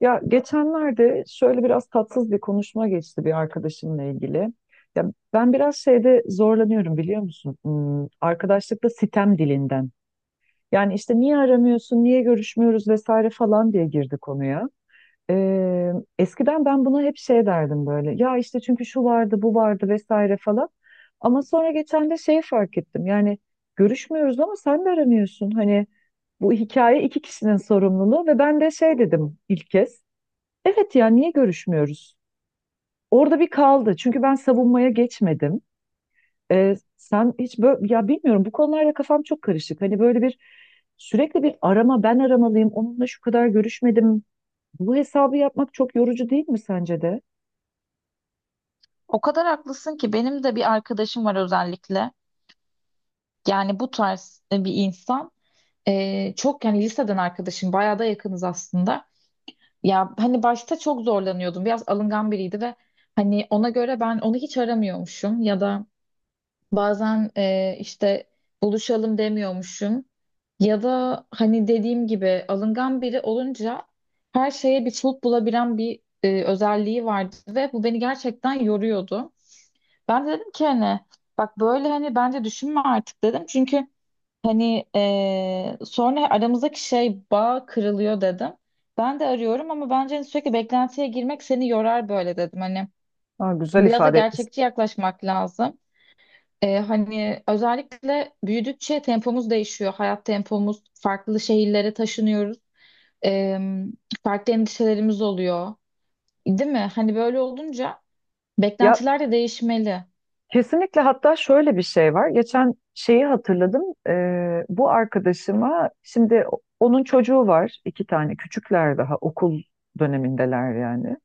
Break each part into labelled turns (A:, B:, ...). A: Ya geçenlerde şöyle biraz tatsız bir konuşma geçti bir arkadaşımla ilgili. Ya, ben biraz şeyde zorlanıyorum biliyor musun? Arkadaşlıkta sitem dilinden. Yani işte niye aramıyorsun, niye görüşmüyoruz vesaire falan diye girdi konuya. Ee, Eskiden ben buna hep şey derdim böyle. Ya işte çünkü şu vardı, bu vardı vesaire falan. Ama sonra geçen de şeyi fark ettim. Yani görüşmüyoruz ama sen de aramıyorsun. Hani bu hikaye iki kişinin sorumluluğu ve ben de şey dedim ilk kez. Evet ya, niye görüşmüyoruz? Orada bir kaldı. Çünkü ben savunmaya geçmedim. Sen hiç böyle ya bilmiyorum bu konularda kafam çok karışık. Hani böyle bir sürekli bir arama ben aramalıyım. Onunla şu kadar görüşmedim. Bu hesabı yapmak çok yorucu değil mi sence de?
B: O kadar haklısın ki benim de bir arkadaşım var özellikle. Bu tarz bir insan. Çok yani liseden arkadaşım bayağı da yakınız aslında. Başta çok zorlanıyordum. Biraz alıngan biriydi ve hani ona göre ben onu hiç aramıyormuşum ya da bazen işte buluşalım demiyormuşum. Ya da hani dediğim gibi alıngan biri olunca her şeye bir çoluk bulabilen bir özelliği vardı ve bu beni gerçekten yoruyordu. Ben de dedim ki hani bak böyle hani bence düşünme artık dedim. Çünkü sonra aramızdaki şey bağ kırılıyor dedim. Ben de arıyorum ama bence hani sürekli beklentiye girmek seni yorar böyle dedim. Hani
A: Ha, güzel
B: biraz da
A: ifade etmişsin.
B: gerçekçi yaklaşmak lazım. Hani özellikle büyüdükçe tempomuz değişiyor. Hayat tempomuz farklı şehirlere taşınıyoruz. Eee, farklı endişelerimiz oluyor. Değil mi? Hani böyle olunca
A: Ya
B: beklentiler de değişmeli.
A: kesinlikle, hatta şöyle bir şey var. Geçen şeyi hatırladım. Bu arkadaşıma şimdi onun çocuğu var, iki tane küçükler daha okul dönemindeler yani.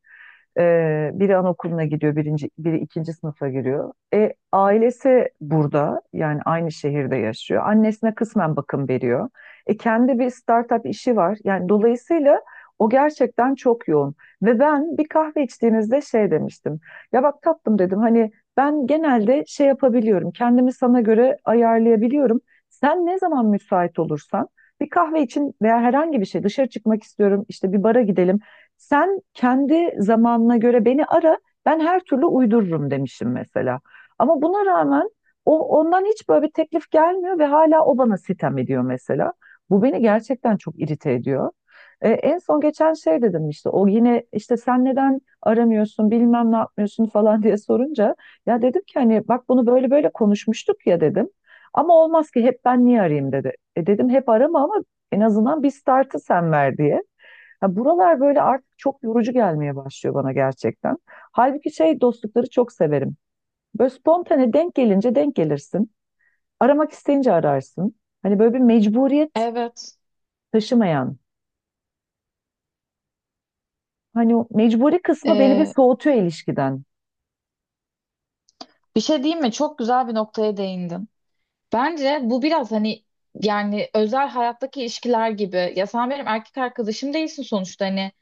A: Biri anaokuluna gidiyor, birinci, biri ikinci sınıfa giriyor. Ailesi burada, yani aynı şehirde yaşıyor. Annesine kısmen bakım veriyor. Kendi bir startup işi var. Yani dolayısıyla o gerçekten çok yoğun. Ve ben bir kahve içtiğimizde şey demiştim. Ya bak tatlım dedim, hani ben genelde şey yapabiliyorum. Kendimi sana göre ayarlayabiliyorum. Sen ne zaman müsait olursan bir kahve için veya herhangi bir şey, dışarı çıkmak istiyorum işte, bir bara gidelim, sen kendi zamanına göre beni ara, ben her türlü uydururum demişim mesela. Ama buna rağmen o, ondan hiç böyle bir teklif gelmiyor ve hala o bana sitem ediyor mesela. Bu beni gerçekten çok irite ediyor. En son geçen şey dedim işte, o yine işte sen neden aramıyorsun bilmem ne yapmıyorsun falan diye sorunca ya dedim ki hani bak bunu böyle böyle konuşmuştuk ya dedim. Ama olmaz ki hep ben niye arayayım dedi. E dedim hep arama ama en azından bir startı sen ver diye. Ya buralar böyle artık çok yorucu gelmeye başlıyor bana gerçekten. Halbuki şey dostlukları çok severim. Böyle spontane denk gelince denk gelirsin. Aramak isteyince ararsın. Hani böyle bir mecburiyet
B: Evet.
A: taşımayan. Hani o mecburi kısmı beni bir soğutuyor ilişkiden.
B: Bir şey diyeyim mi? Çok güzel bir noktaya değindin. Bence bu biraz hani yani özel hayattaki ilişkiler gibi. Ya sen benim erkek arkadaşım değilsin sonuçta. Hani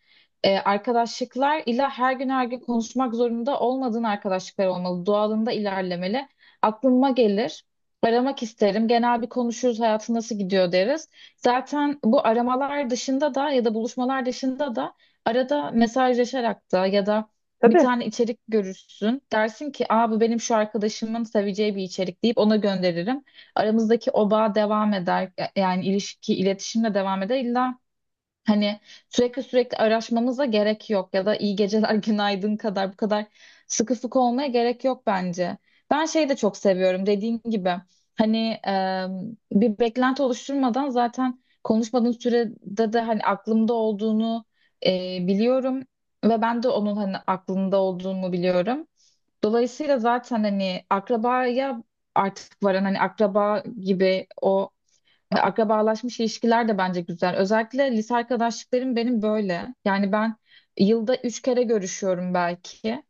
B: arkadaşlıklar ile her gün her gün konuşmak zorunda olmadığın arkadaşlıklar olmalı. Doğalında ilerlemeli. Aklıma gelir. Aramak isterim. Genel bir konuşuruz, hayatın nasıl gidiyor deriz. Zaten bu aramalar dışında da ya da buluşmalar dışında da arada mesajlaşarak da ya da bir
A: Tabii.
B: tane içerik görürsün. Dersin ki Aa, bu benim şu arkadaşımın seveceği bir içerik deyip ona gönderirim. Aramızdaki o bağ devam eder. Yani ilişki, iletişimle devam eder. İlla hani sürekli sürekli araşmamıza gerek yok ya da iyi geceler günaydın kadar bu kadar sıkı sıkı olmaya gerek yok bence. Ben şeyi de çok seviyorum dediğim gibi hani e, bir beklenti oluşturmadan zaten konuşmadığın sürede de hani aklımda olduğunu e, biliyorum ve ben de onun hani aklında olduğunu biliyorum. Dolayısıyla zaten hani akrabaya artık varan hani akraba gibi o akrabalaşmış ilişkiler de bence güzel. Özellikle lise arkadaşlıklarım benim böyle. Yani ben yılda 3 kere görüşüyorum belki.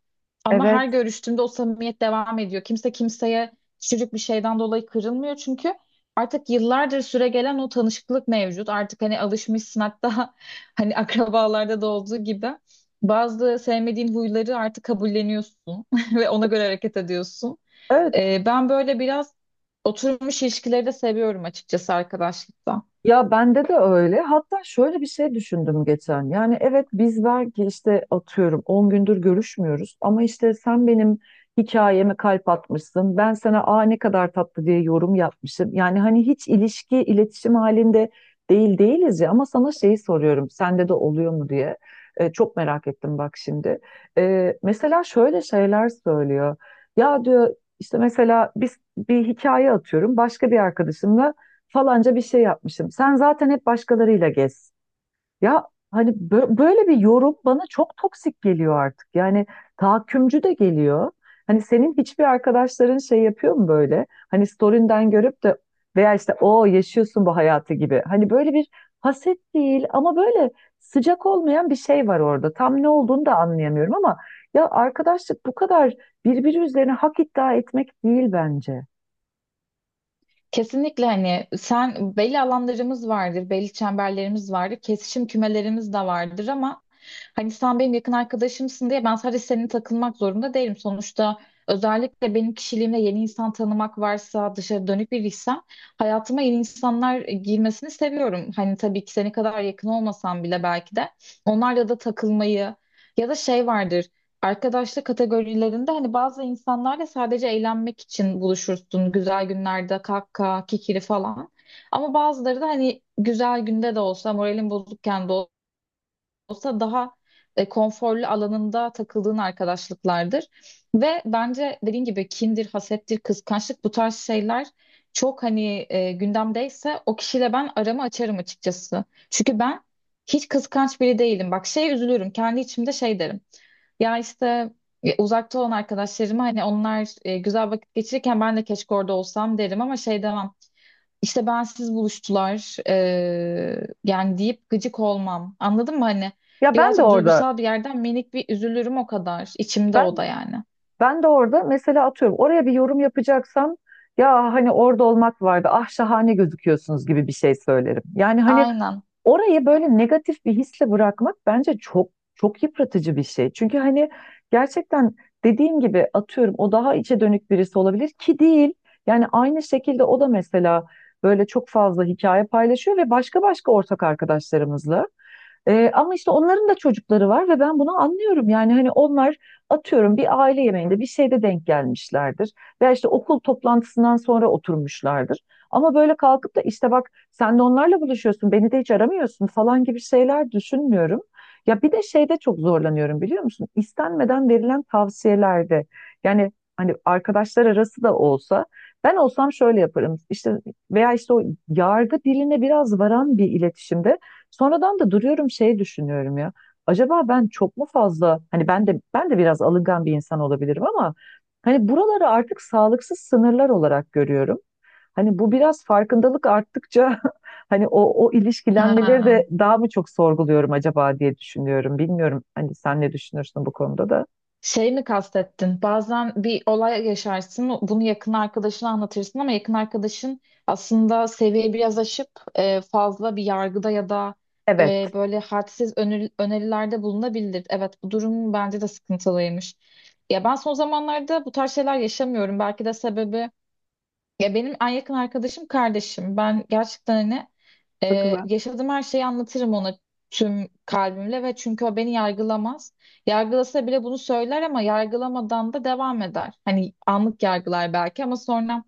B: Ama her
A: Evet.
B: görüştüğümde o samimiyet devam ediyor. Kimse kimseye küçücük bir şeyden dolayı kırılmıyor. Çünkü artık yıllardır süre gelen o tanışıklık mevcut. Artık hani alışmışsın hatta hani akrabalarda da olduğu gibi. Bazı sevmediğin huyları artık kabulleniyorsun ve ona göre hareket ediyorsun.
A: Öyle.
B: Ben böyle biraz oturmuş ilişkileri de seviyorum açıkçası arkadaşlıkta.
A: Ya bende de öyle. Hatta şöyle bir şey düşündüm geçen. Yani evet, biz belki işte atıyorum 10 gündür görüşmüyoruz ama işte sen benim hikayeme kalp atmışsın. Ben sana "aa ne kadar tatlı" diye yorum yapmışım. Yani hani hiç ilişki, iletişim halinde değil değiliz ya ama sana şeyi soruyorum. Sende de oluyor mu diye. Çok merak ettim bak şimdi. Mesela şöyle şeyler söylüyor. Ya diyor işte, mesela biz bir hikaye, atıyorum başka bir arkadaşımla falanca bir şey yapmışım. Sen zaten hep başkalarıyla gez. Ya hani böyle bir yorum bana çok toksik geliyor artık. Yani tahakkümcü de geliyor. Hani senin hiçbir arkadaşların şey yapıyor mu böyle? Hani story'nden görüp de, veya işte o yaşıyorsun bu hayatı gibi. Hani böyle bir haset değil ama böyle sıcak olmayan bir şey var orada. Tam ne olduğunu da anlayamıyorum ama ya arkadaşlık bu kadar birbiri üzerine hak iddia etmek değil bence.
B: Kesinlikle hani sen belli alanlarımız vardır, belli çemberlerimiz vardır, kesişim kümelerimiz de vardır ama hani sen benim yakın arkadaşımsın diye ben sadece seninle takılmak zorunda değilim. Sonuçta özellikle benim kişiliğimde yeni insan tanımak varsa, dışarı dönük biriysem hayatıma yeni insanlar girmesini seviyorum. Hani tabii ki seni kadar yakın olmasam bile belki de onlarla da takılmayı ya da şey vardır. Arkadaşlık kategorilerinde hani bazı insanlarla sadece eğlenmek için buluşursun. Güzel günlerde kahkaha, kikiri falan. Ama bazıları da hani güzel günde de olsa, moralin bozukken de olsa daha konforlu alanında takıldığın arkadaşlıklardır. Ve bence dediğin gibi kindir, hasettir, kıskançlık bu tarz şeyler çok hani gündemdeyse o kişiyle ben aramı açarım açıkçası. Çünkü ben hiç kıskanç biri değilim. Bak şey üzülürüm. Kendi içimde şey derim. Ya işte uzakta olan arkadaşlarıma hani onlar güzel vakit geçirirken ben de keşke orada olsam derim ama şey demem. İşte bensiz buluştular, deyip gıcık olmam. Anladın mı hani?
A: Ya ben de
B: Birazcık
A: orada
B: duygusal bir yerden minik bir üzülürüm o kadar. İçimde o
A: ben
B: da yani.
A: Ben de orada mesela, atıyorum, oraya bir yorum yapacaksam ya hani orada olmak vardı, ah şahane gözüküyorsunuz gibi bir şey söylerim. Yani hani
B: Aynen.
A: orayı böyle negatif bir hisle bırakmak bence çok çok yıpratıcı bir şey. Çünkü hani gerçekten, dediğim gibi, atıyorum o daha içe dönük birisi olabilir ki değil. Yani aynı şekilde o da mesela böyle çok fazla hikaye paylaşıyor ve başka başka ortak arkadaşlarımızla. Ama işte onların da çocukları var ve ben bunu anlıyorum. Yani hani onlar atıyorum bir aile yemeğinde bir şeyde denk gelmişlerdir. Veya işte okul toplantısından sonra oturmuşlardır. Ama böyle kalkıp da işte, bak sen de onlarla buluşuyorsun, beni de hiç aramıyorsun falan gibi şeyler düşünmüyorum. Ya bir de şeyde çok zorlanıyorum biliyor musun? İstenmeden verilen tavsiyelerde. Yani hani arkadaşlar arası da olsa ben olsam şöyle yaparım. İşte, veya işte o yargı diline biraz varan bir iletişimde. Sonradan da duruyorum, şey düşünüyorum ya. Acaba ben çok mu fazla, hani ben de biraz alıngan bir insan olabilirim ama hani buraları artık sağlıksız sınırlar olarak görüyorum. Hani bu biraz farkındalık arttıkça hani o ilişkilenmeleri
B: Ha.
A: de daha mı çok sorguluyorum acaba diye düşünüyorum. Bilmiyorum hani sen ne düşünürsün bu konuda da.
B: Şey mi kastettin? Bazen bir olay yaşarsın, bunu yakın arkadaşına anlatırsın ama yakın arkadaşın aslında seviye biraz aşıp fazla bir yargıda ya da
A: Evet.
B: böyle hadsiz önerilerde bulunabilir. Evet, bu durum bence de sıkıntılıymış. Ya ben son zamanlarda bu tarz şeyler yaşamıyorum. Belki de sebebi ya benim en yakın arkadaşım kardeşim. Ben gerçekten hani
A: Çok güzel.
B: yaşadığım her şeyi anlatırım ona tüm kalbimle ve çünkü o beni yargılamaz. Yargılasa bile bunu söyler ama yargılamadan da devam eder. Hani anlık yargılar belki ama sonra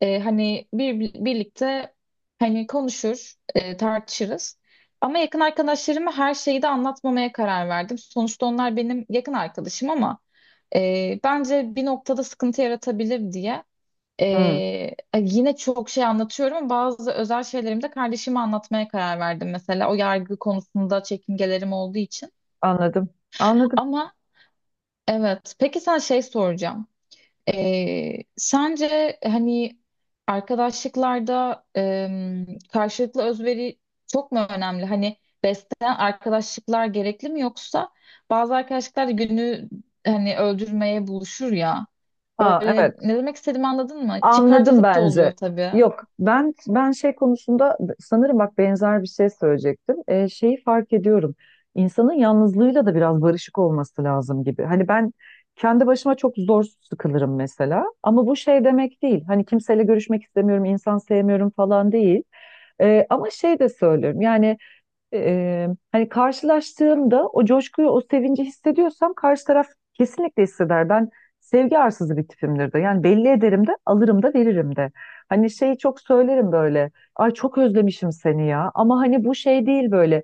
B: e, hani bir, birlikte hani konuşur, tartışırız. Ama yakın arkadaşlarıma her şeyi de anlatmamaya karar verdim. Sonuçta onlar benim yakın arkadaşım ama bence bir noktada sıkıntı yaratabilir diye.
A: Hı,
B: Yine çok şey anlatıyorum. Ama bazı özel şeylerimi de kardeşime anlatmaya karar verdim mesela. O yargı konusunda çekingelerim olduğu için.
A: anladım. Anladım.
B: Ama evet. Peki sen şey soracağım. Sence hani arkadaşlıklarda karşılıklı özveri çok mu önemli? Hani besleyen arkadaşlıklar gerekli mi yoksa bazı arkadaşlıklar da günü hani öldürmeye buluşur ya.
A: Ha
B: Böyle
A: evet.
B: ne demek istediğimi anladın mı?
A: Anladım
B: Çıkarcılık da
A: bence.
B: oluyor tabii.
A: Yok, ben şey konusunda sanırım, bak benzer bir şey söyleyecektim. Şeyi fark ediyorum. İnsanın yalnızlığıyla da biraz barışık olması lazım gibi. Hani ben kendi başıma çok zor sıkılırım mesela. Ama bu şey demek değil. Hani kimseyle görüşmek istemiyorum, insan sevmiyorum falan değil. Ama şey de söylüyorum. Yani hani karşılaştığımda o coşkuyu, o sevinci hissediyorsam karşı taraf kesinlikle hisseder. Ben sevgi arsızı bir tipimdir de. Yani belli ederim de, alırım da, veririm de. Hani şeyi çok söylerim böyle. Ay çok özlemişim seni ya. Ama hani bu şey değil böyle.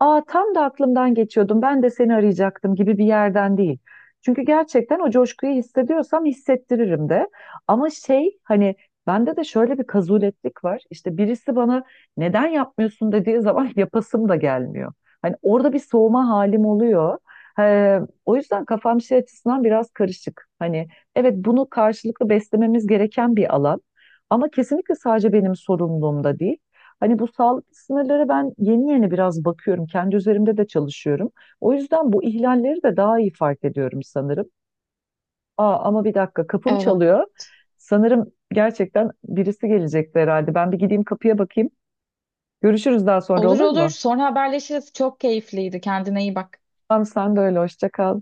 A: Aa, tam da aklımdan geçiyordum. Ben de seni arayacaktım gibi bir yerden değil. Çünkü gerçekten o coşkuyu hissediyorsam hissettiririm de. Ama şey hani bende de şöyle bir kazuletlik var. İşte birisi bana neden yapmıyorsun dediği zaman yapasım da gelmiyor. Hani orada bir soğuma halim oluyor. Ee, O yüzden kafam şey açısından biraz karışık. Hani evet, bunu karşılıklı beslememiz gereken bir alan ama kesinlikle sadece benim sorumluluğumda değil. Hani bu sağlıklı sınırlara ben yeni yeni biraz bakıyorum. Kendi üzerimde de çalışıyorum. O yüzden bu ihlalleri de daha iyi fark ediyorum sanırım. Aa, ama bir dakika, kapım çalıyor. Sanırım gerçekten birisi gelecekti herhalde. Ben bir gideyim, kapıya bakayım. Görüşürüz daha sonra,
B: Olur
A: olur
B: olur.
A: mu?
B: Sonra haberleşiriz. Çok keyifliydi. Kendine iyi bak.
A: Tamam, sen de öyle. Hoşça kal.